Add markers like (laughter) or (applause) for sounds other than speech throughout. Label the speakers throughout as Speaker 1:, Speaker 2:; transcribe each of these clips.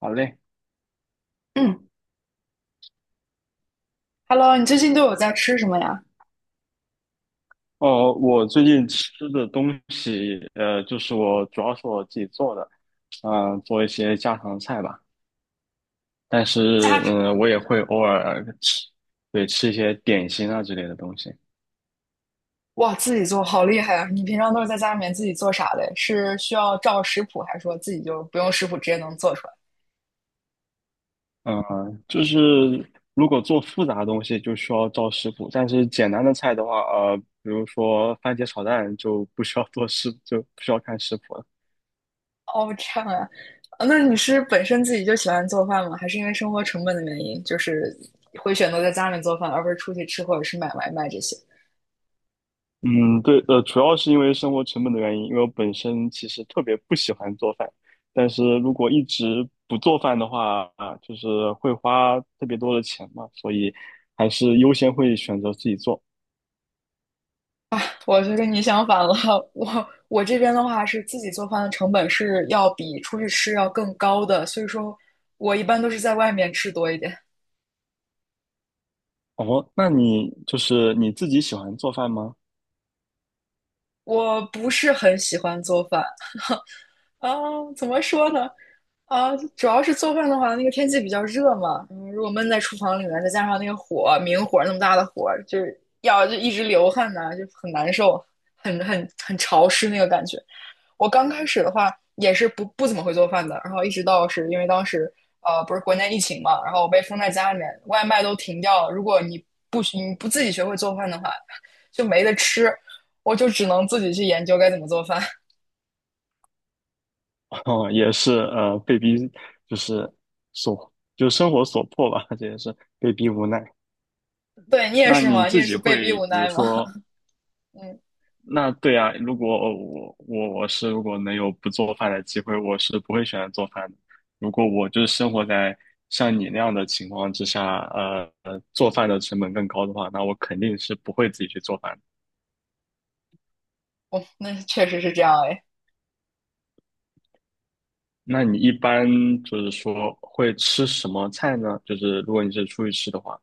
Speaker 1: 好嘞，
Speaker 2: 嗯，Hello，你最近都有在吃什么呀？
Speaker 1: 哦，我最近吃的东西，就是我主要是我自己做的，做一些家常菜吧。但
Speaker 2: 家
Speaker 1: 是，
Speaker 2: 常
Speaker 1: 我也会偶尔吃，对，吃一些点心啊之类的东西。
Speaker 2: 哇，自己做好厉害啊！你平常都是在家里面自己做啥的？是需要照食谱，还是说自己就不用食谱直接能做出来？
Speaker 1: 嗯、就是如果做复杂的东西，就需要找食谱；但是简单的菜的话，比如说番茄炒蛋，就不需要看食谱了。
Speaker 2: 哦，这样啊，啊那你是本身自己就喜欢做饭吗？还是因为生活成本的原因，就是会选择在家里面做饭，而不是出去吃或者是买外卖这些？
Speaker 1: 嗯，对，主要是因为生活成本的原因，因为我本身其实特别不喜欢做饭。但是如果一直不做饭的话，啊，就是会花特别多的钱嘛，所以还是优先会选择自己做。
Speaker 2: 啊？我就跟你相反了，(laughs) 我这边的话是自己做饭的成本是要比出去吃要更高的，所以说我一般都是在外面吃多一点。
Speaker 1: 哦，那你就是你自己喜欢做饭吗？
Speaker 2: 我不是很喜欢做饭啊，怎么说呢？啊，主要是做饭的话，那个天气比较热嘛，嗯如果闷在厨房里面，再加上那个火，明火那么大的火，就是要就一直流汗呐、就很难受，很潮湿那个感觉。我刚开始的话也是不怎么会做饭的，然后一直到是因为当时不是国内疫情嘛，然后我被封在家里面，外卖都停掉了。如果你不你不自己学会做饭的话，就没得吃，我就只能自己去研究该怎么做饭。
Speaker 1: (laughs) 哦，也是，被逼，就是就生活所迫吧，这也是被逼无奈。
Speaker 2: (laughs) 对你也
Speaker 1: 那
Speaker 2: 是
Speaker 1: 你
Speaker 2: 吗？你
Speaker 1: 自
Speaker 2: 也
Speaker 1: 己
Speaker 2: 是被逼
Speaker 1: 会，
Speaker 2: 无
Speaker 1: 比如
Speaker 2: 奈吗？
Speaker 1: 说，
Speaker 2: (laughs) 嗯，
Speaker 1: 那对啊，如果我我我是如果能有不做饭的机会，我是不会选择做饭的。如果我就是生活在像你那样的情况之下，做饭的成本更高的话，那我肯定是不会自己去做饭的。
Speaker 2: 我那确实是这样哎。
Speaker 1: 那你一般就是说会吃什么菜呢？就是如果你是出去吃的话，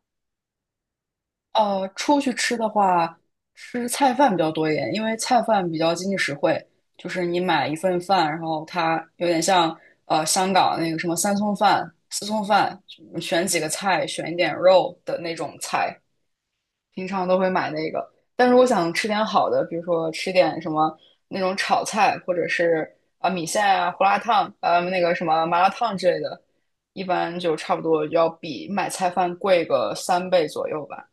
Speaker 2: 呃，出去吃的话，吃菜饭比较多一点，因为菜饭比较经济实惠。就是你买一份饭，然后它有点像呃香港那个什么三餸饭、四餸饭，选几个菜，选一点肉的那种菜，平常都会买那个。但如果想吃点好的，比如说吃点什么那种炒菜，或者是啊、呃米线啊、胡辣汤，呃那个什么麻辣烫之类的，一般就差不多要比买菜饭贵个三倍左右吧。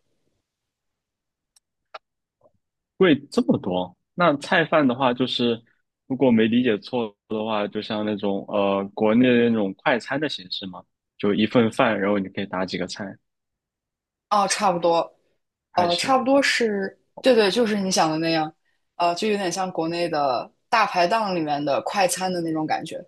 Speaker 1: 贵这么多。那菜饭的话，就是如果没理解错的话，就像那种国内的那种快餐的形式嘛，就一份饭，然后你可以打几个菜。
Speaker 2: 哦，差不多，
Speaker 1: 还
Speaker 2: 呃，
Speaker 1: 是
Speaker 2: 差不多是，对对，就是你想的那样，呃，就有点像国内的大排档里面的快餐的那种感觉。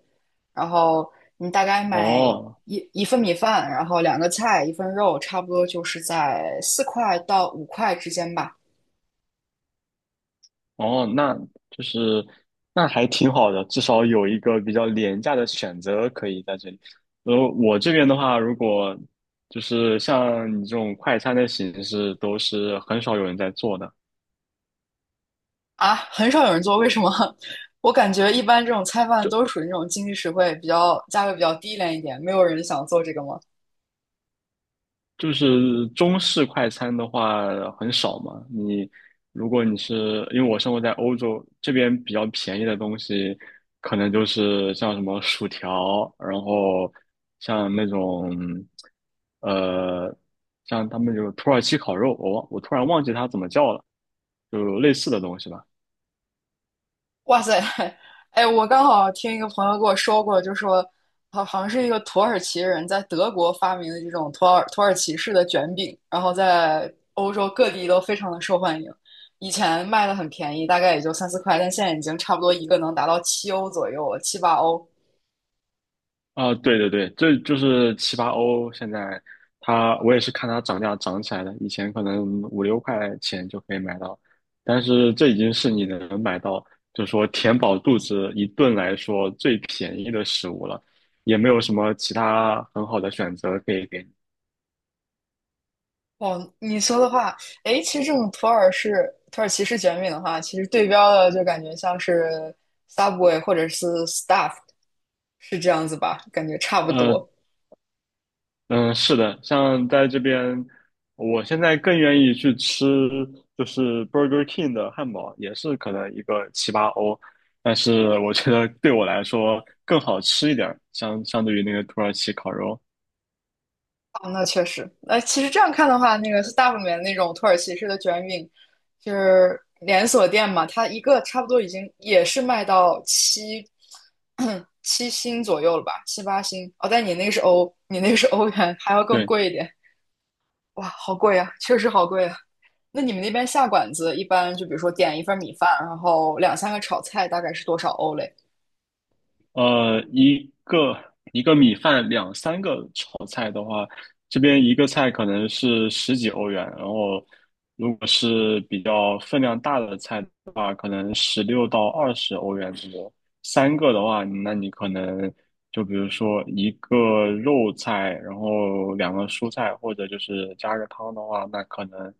Speaker 2: 然后你大概买
Speaker 1: 哦
Speaker 2: 一份米饭，然后两个菜，一份肉，差不多就是在四块到五块之间吧。
Speaker 1: 哦，那就是那还挺好的，至少有一个比较廉价的选择可以在这里。然后我这边的话，如果就是像你这种快餐的形式，都是很少有人在做的。
Speaker 2: 啊，很少有人做，为什么？(laughs) 我感觉一般这种菜饭
Speaker 1: 就
Speaker 2: 都是属于那种经济实惠、比较价格比较低廉一点，没有人想做这个吗？
Speaker 1: 就是中式快餐的话很少嘛。你如果你是因为我生活在欧洲这边，比较便宜的东西，可能就是像什么薯条，然后像那种呃，像他们有土耳其烤肉，我突然忘记它怎么叫了，就类似的东西吧。
Speaker 2: 哇塞，哎，我刚好听一个朋友跟我说过，就说好像是一个土耳其人在德国发明的这种土耳其式的卷饼，然后在欧洲各地都非常的受欢迎。以前卖的很便宜，大概也就三四块，但现在已经差不多一个能达到七欧左右了，七八欧。
Speaker 1: 啊、对对对，这就是七八欧。现在它，我也是看它涨价涨起来的。以前可能五六块钱就可以买到，但是这已经是你能买到，就是说填饱肚子一顿来说最便宜的食物了，也没有什么其他很好的选择可以给你。
Speaker 2: 哦，你说的话，哎，其实这种土耳其式卷饼的话，其实对标的就感觉像是 Subway 或者是 Stuff 是这样子吧？感觉差不
Speaker 1: 呃
Speaker 2: 多。
Speaker 1: 嗯，是的，像在这边，我现在更愿意去吃就是 Burger King 的汉堡，也是可能一个七八欧，但是我觉得对我来说更好吃一点儿，相对于那个土耳其烤肉。
Speaker 2: 哦，那确实，那其实这样看的话，那个 Stop 里面那种土耳其式的卷饼，就是连锁店嘛，它一个差不多已经也是卖到七 (clears throat) 七星左右了吧，七八星。哦，但你那个是欧，你那个是欧元，还要更
Speaker 1: 对。
Speaker 2: 贵一点。哇，好贵啊，确实好贵啊。那你们那边下馆子一般就比如说点一份米饭，然后两三个炒菜，大概是多少欧嘞？
Speaker 1: 呃，一个一个米饭两三个炒菜的话，这边一个菜可能是十几欧元，然后如果是比较分量大的菜的话，可能16到20欧元左右。三个的话，那你可能就比如说一个肉菜，然后两个蔬菜，或者就是加个汤的话，那可能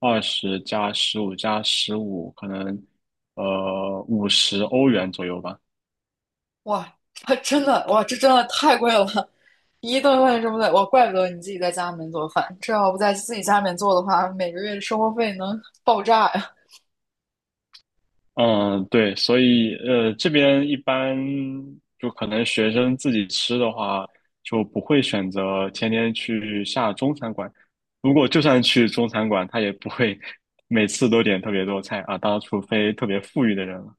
Speaker 1: 20加15加15，十五可能50欧元左右吧。
Speaker 2: 哇，它真的哇，这真的太贵了，一顿饭这么贵，哇，怪不得你自己在家里面做饭，这要不在自己家里面做的话，每个月的生活费能爆炸呀。
Speaker 1: 嗯，对，所以这边一般就可能学生自己吃的话，就不会选择天天去下中餐馆。如果就算去中餐馆，他也不会每次都点特别多菜啊，当然除非特别富裕的人了。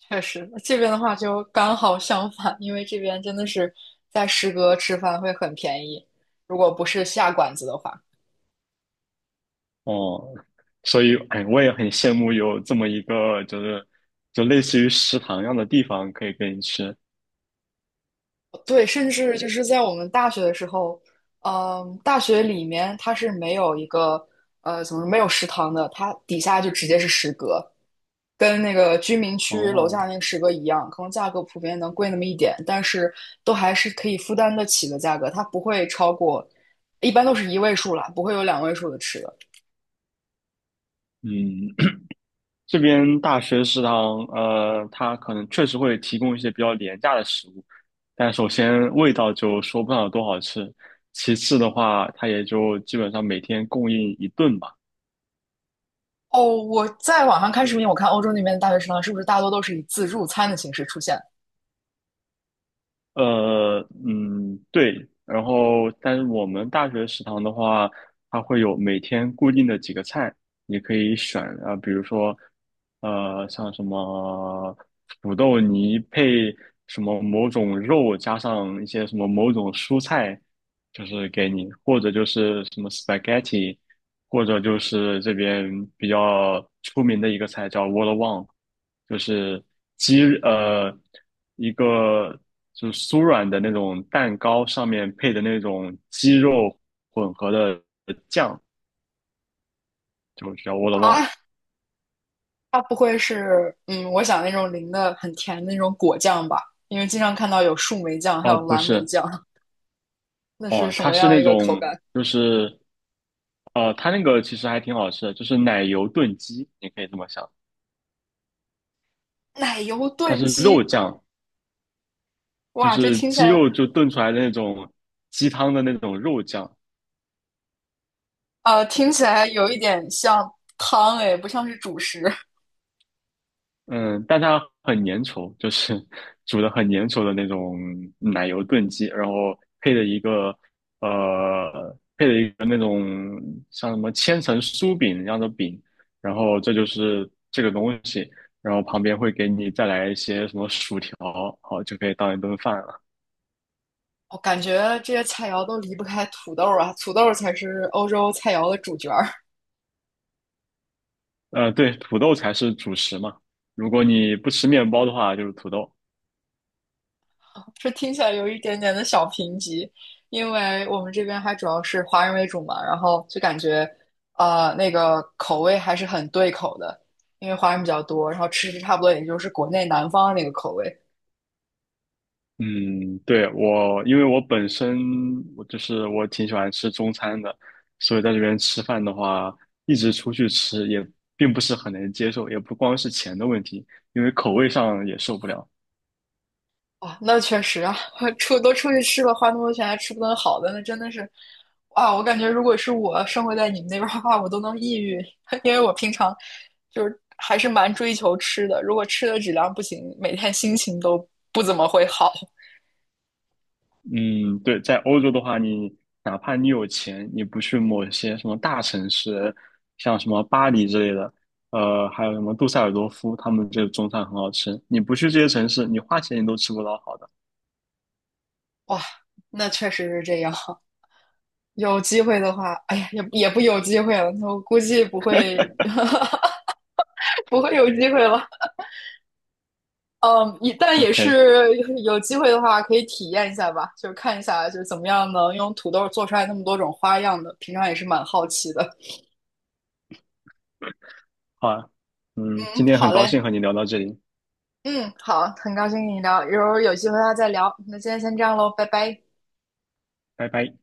Speaker 2: 确实，这边的话就刚好相反，因为这边真的是在食阁吃饭会很便宜，如果不是下馆子的话，
Speaker 1: 哦，所以哎，我也很羡慕有这么一个就类似于食堂一样的地方可以给你吃。
Speaker 2: 对，甚至就是在我们大学的时候，嗯，大学里面它是没有一个呃，怎么说没有食堂的，它底下就直接是食阁。跟那个居民区楼下
Speaker 1: 哦，
Speaker 2: 那个食阁一样，可能价格普遍能贵那么一点，但是都还是可以负担得起的价格，它不会超过，一般都是一位数了，不会有两位数的吃的。
Speaker 1: 嗯，这边大学食堂，它可能确实会提供一些比较廉价的食物。但首先味道就说不上有多好吃，其次的话，它也就基本上每天供应一顿吧。
Speaker 2: 哦，我在网上看视频，我看欧洲那边的大学食堂是不是大多都是以自助餐的形式出现
Speaker 1: 呃，嗯，对。然后，但是我们大学食堂的话，它会有每天固定的几个菜，你可以选啊，比如说，像什么土豆泥配什么某种肉，加上一些什么某种蔬菜，就是给你，或者就是什么 spaghetti，或者就是这边比较出名的一个菜叫 Wollawan， 就是鸡呃一个就是酥软的那种蛋糕上面配的那种鸡肉混合的酱，就叫我的忘，
Speaker 2: 啊？它不会是嗯，我想那种淋的很甜的那种果酱吧？因为经常看到有树莓酱，还
Speaker 1: 哦
Speaker 2: 有
Speaker 1: 不
Speaker 2: 蓝莓
Speaker 1: 是。
Speaker 2: 酱，那是
Speaker 1: 哦，
Speaker 2: 什
Speaker 1: 它
Speaker 2: 么
Speaker 1: 是
Speaker 2: 样一
Speaker 1: 那
Speaker 2: 个口
Speaker 1: 种
Speaker 2: 感？
Speaker 1: 就是它那个其实还挺好吃的，就是奶油炖鸡，你可以这么想。
Speaker 2: 奶油
Speaker 1: 它
Speaker 2: 炖
Speaker 1: 是
Speaker 2: 鸡，
Speaker 1: 肉酱，就
Speaker 2: 哇，这
Speaker 1: 是
Speaker 2: 听起
Speaker 1: 鸡
Speaker 2: 来
Speaker 1: 肉就炖出来的那种鸡汤的那种肉酱，
Speaker 2: 呃，听起来有一点像汤诶，不像是主食。
Speaker 1: 嗯，但它很粘稠，就是 (laughs) 煮的很粘稠的那种奶油炖鸡，然后配的呃一个那种像什么千层酥饼一样的饼，然后这就是这个东西，然后旁边会给你再来一些什么薯条，好就可以当一顿饭了。
Speaker 2: 我感觉这些菜肴都离不开土豆啊，土豆才是欧洲菜肴的主角儿。
Speaker 1: 对，土豆才是主食嘛，如果你不吃面包的话，就是土豆。
Speaker 2: (laughs) 这听起来有一点点的小贫瘠，因为我们这边还主要是华人为主嘛，然后就感觉呃那个口味还是很对口的，因为华人比较多，然后吃着差不多也就是国内南方那个口味。
Speaker 1: 嗯，对，因为我本身我就是我挺喜欢吃中餐的，所以在这边吃饭的话，一直出去吃也并不是很能接受，也不光是钱的问题，因为口味上也受不了。
Speaker 2: 啊，那确实啊，(laughs) 出都出去吃了，花那么多钱还吃不顿好的，那真的是，啊，我感觉如果是我生活在你们那边儿的话，我都能抑郁，(laughs) 因为我平常就是还是蛮追求吃的，如果吃的质量不行，每天心情都不怎么会好。
Speaker 1: 嗯，对，在欧洲的话，你哪怕你有钱，你不去某些什么大城市，像什么巴黎之类的，还有什么杜塞尔多夫，他们这个中餐很好吃，你不去这些城市，你花钱你都吃不到好的。
Speaker 2: 哇，那确实是这样。有机会的话，哎呀，也不有机会了，我估计不会 (laughs) 不会有机会了。嗯，一但也
Speaker 1: OK。
Speaker 2: 是有机会的话，可以体验一下吧，就是看一下就是怎么样能用土豆做出来那么多种花样的，平常也是蛮好奇的。
Speaker 1: 好啊，
Speaker 2: (laughs) 嗯，
Speaker 1: 今天很
Speaker 2: 好
Speaker 1: 高
Speaker 2: 嘞，
Speaker 1: 兴和你聊到这里，
Speaker 2: 嗯，好，很高兴跟你聊，一会儿有机会的再聊，那今天先这样喽，拜拜。
Speaker 1: 拜拜。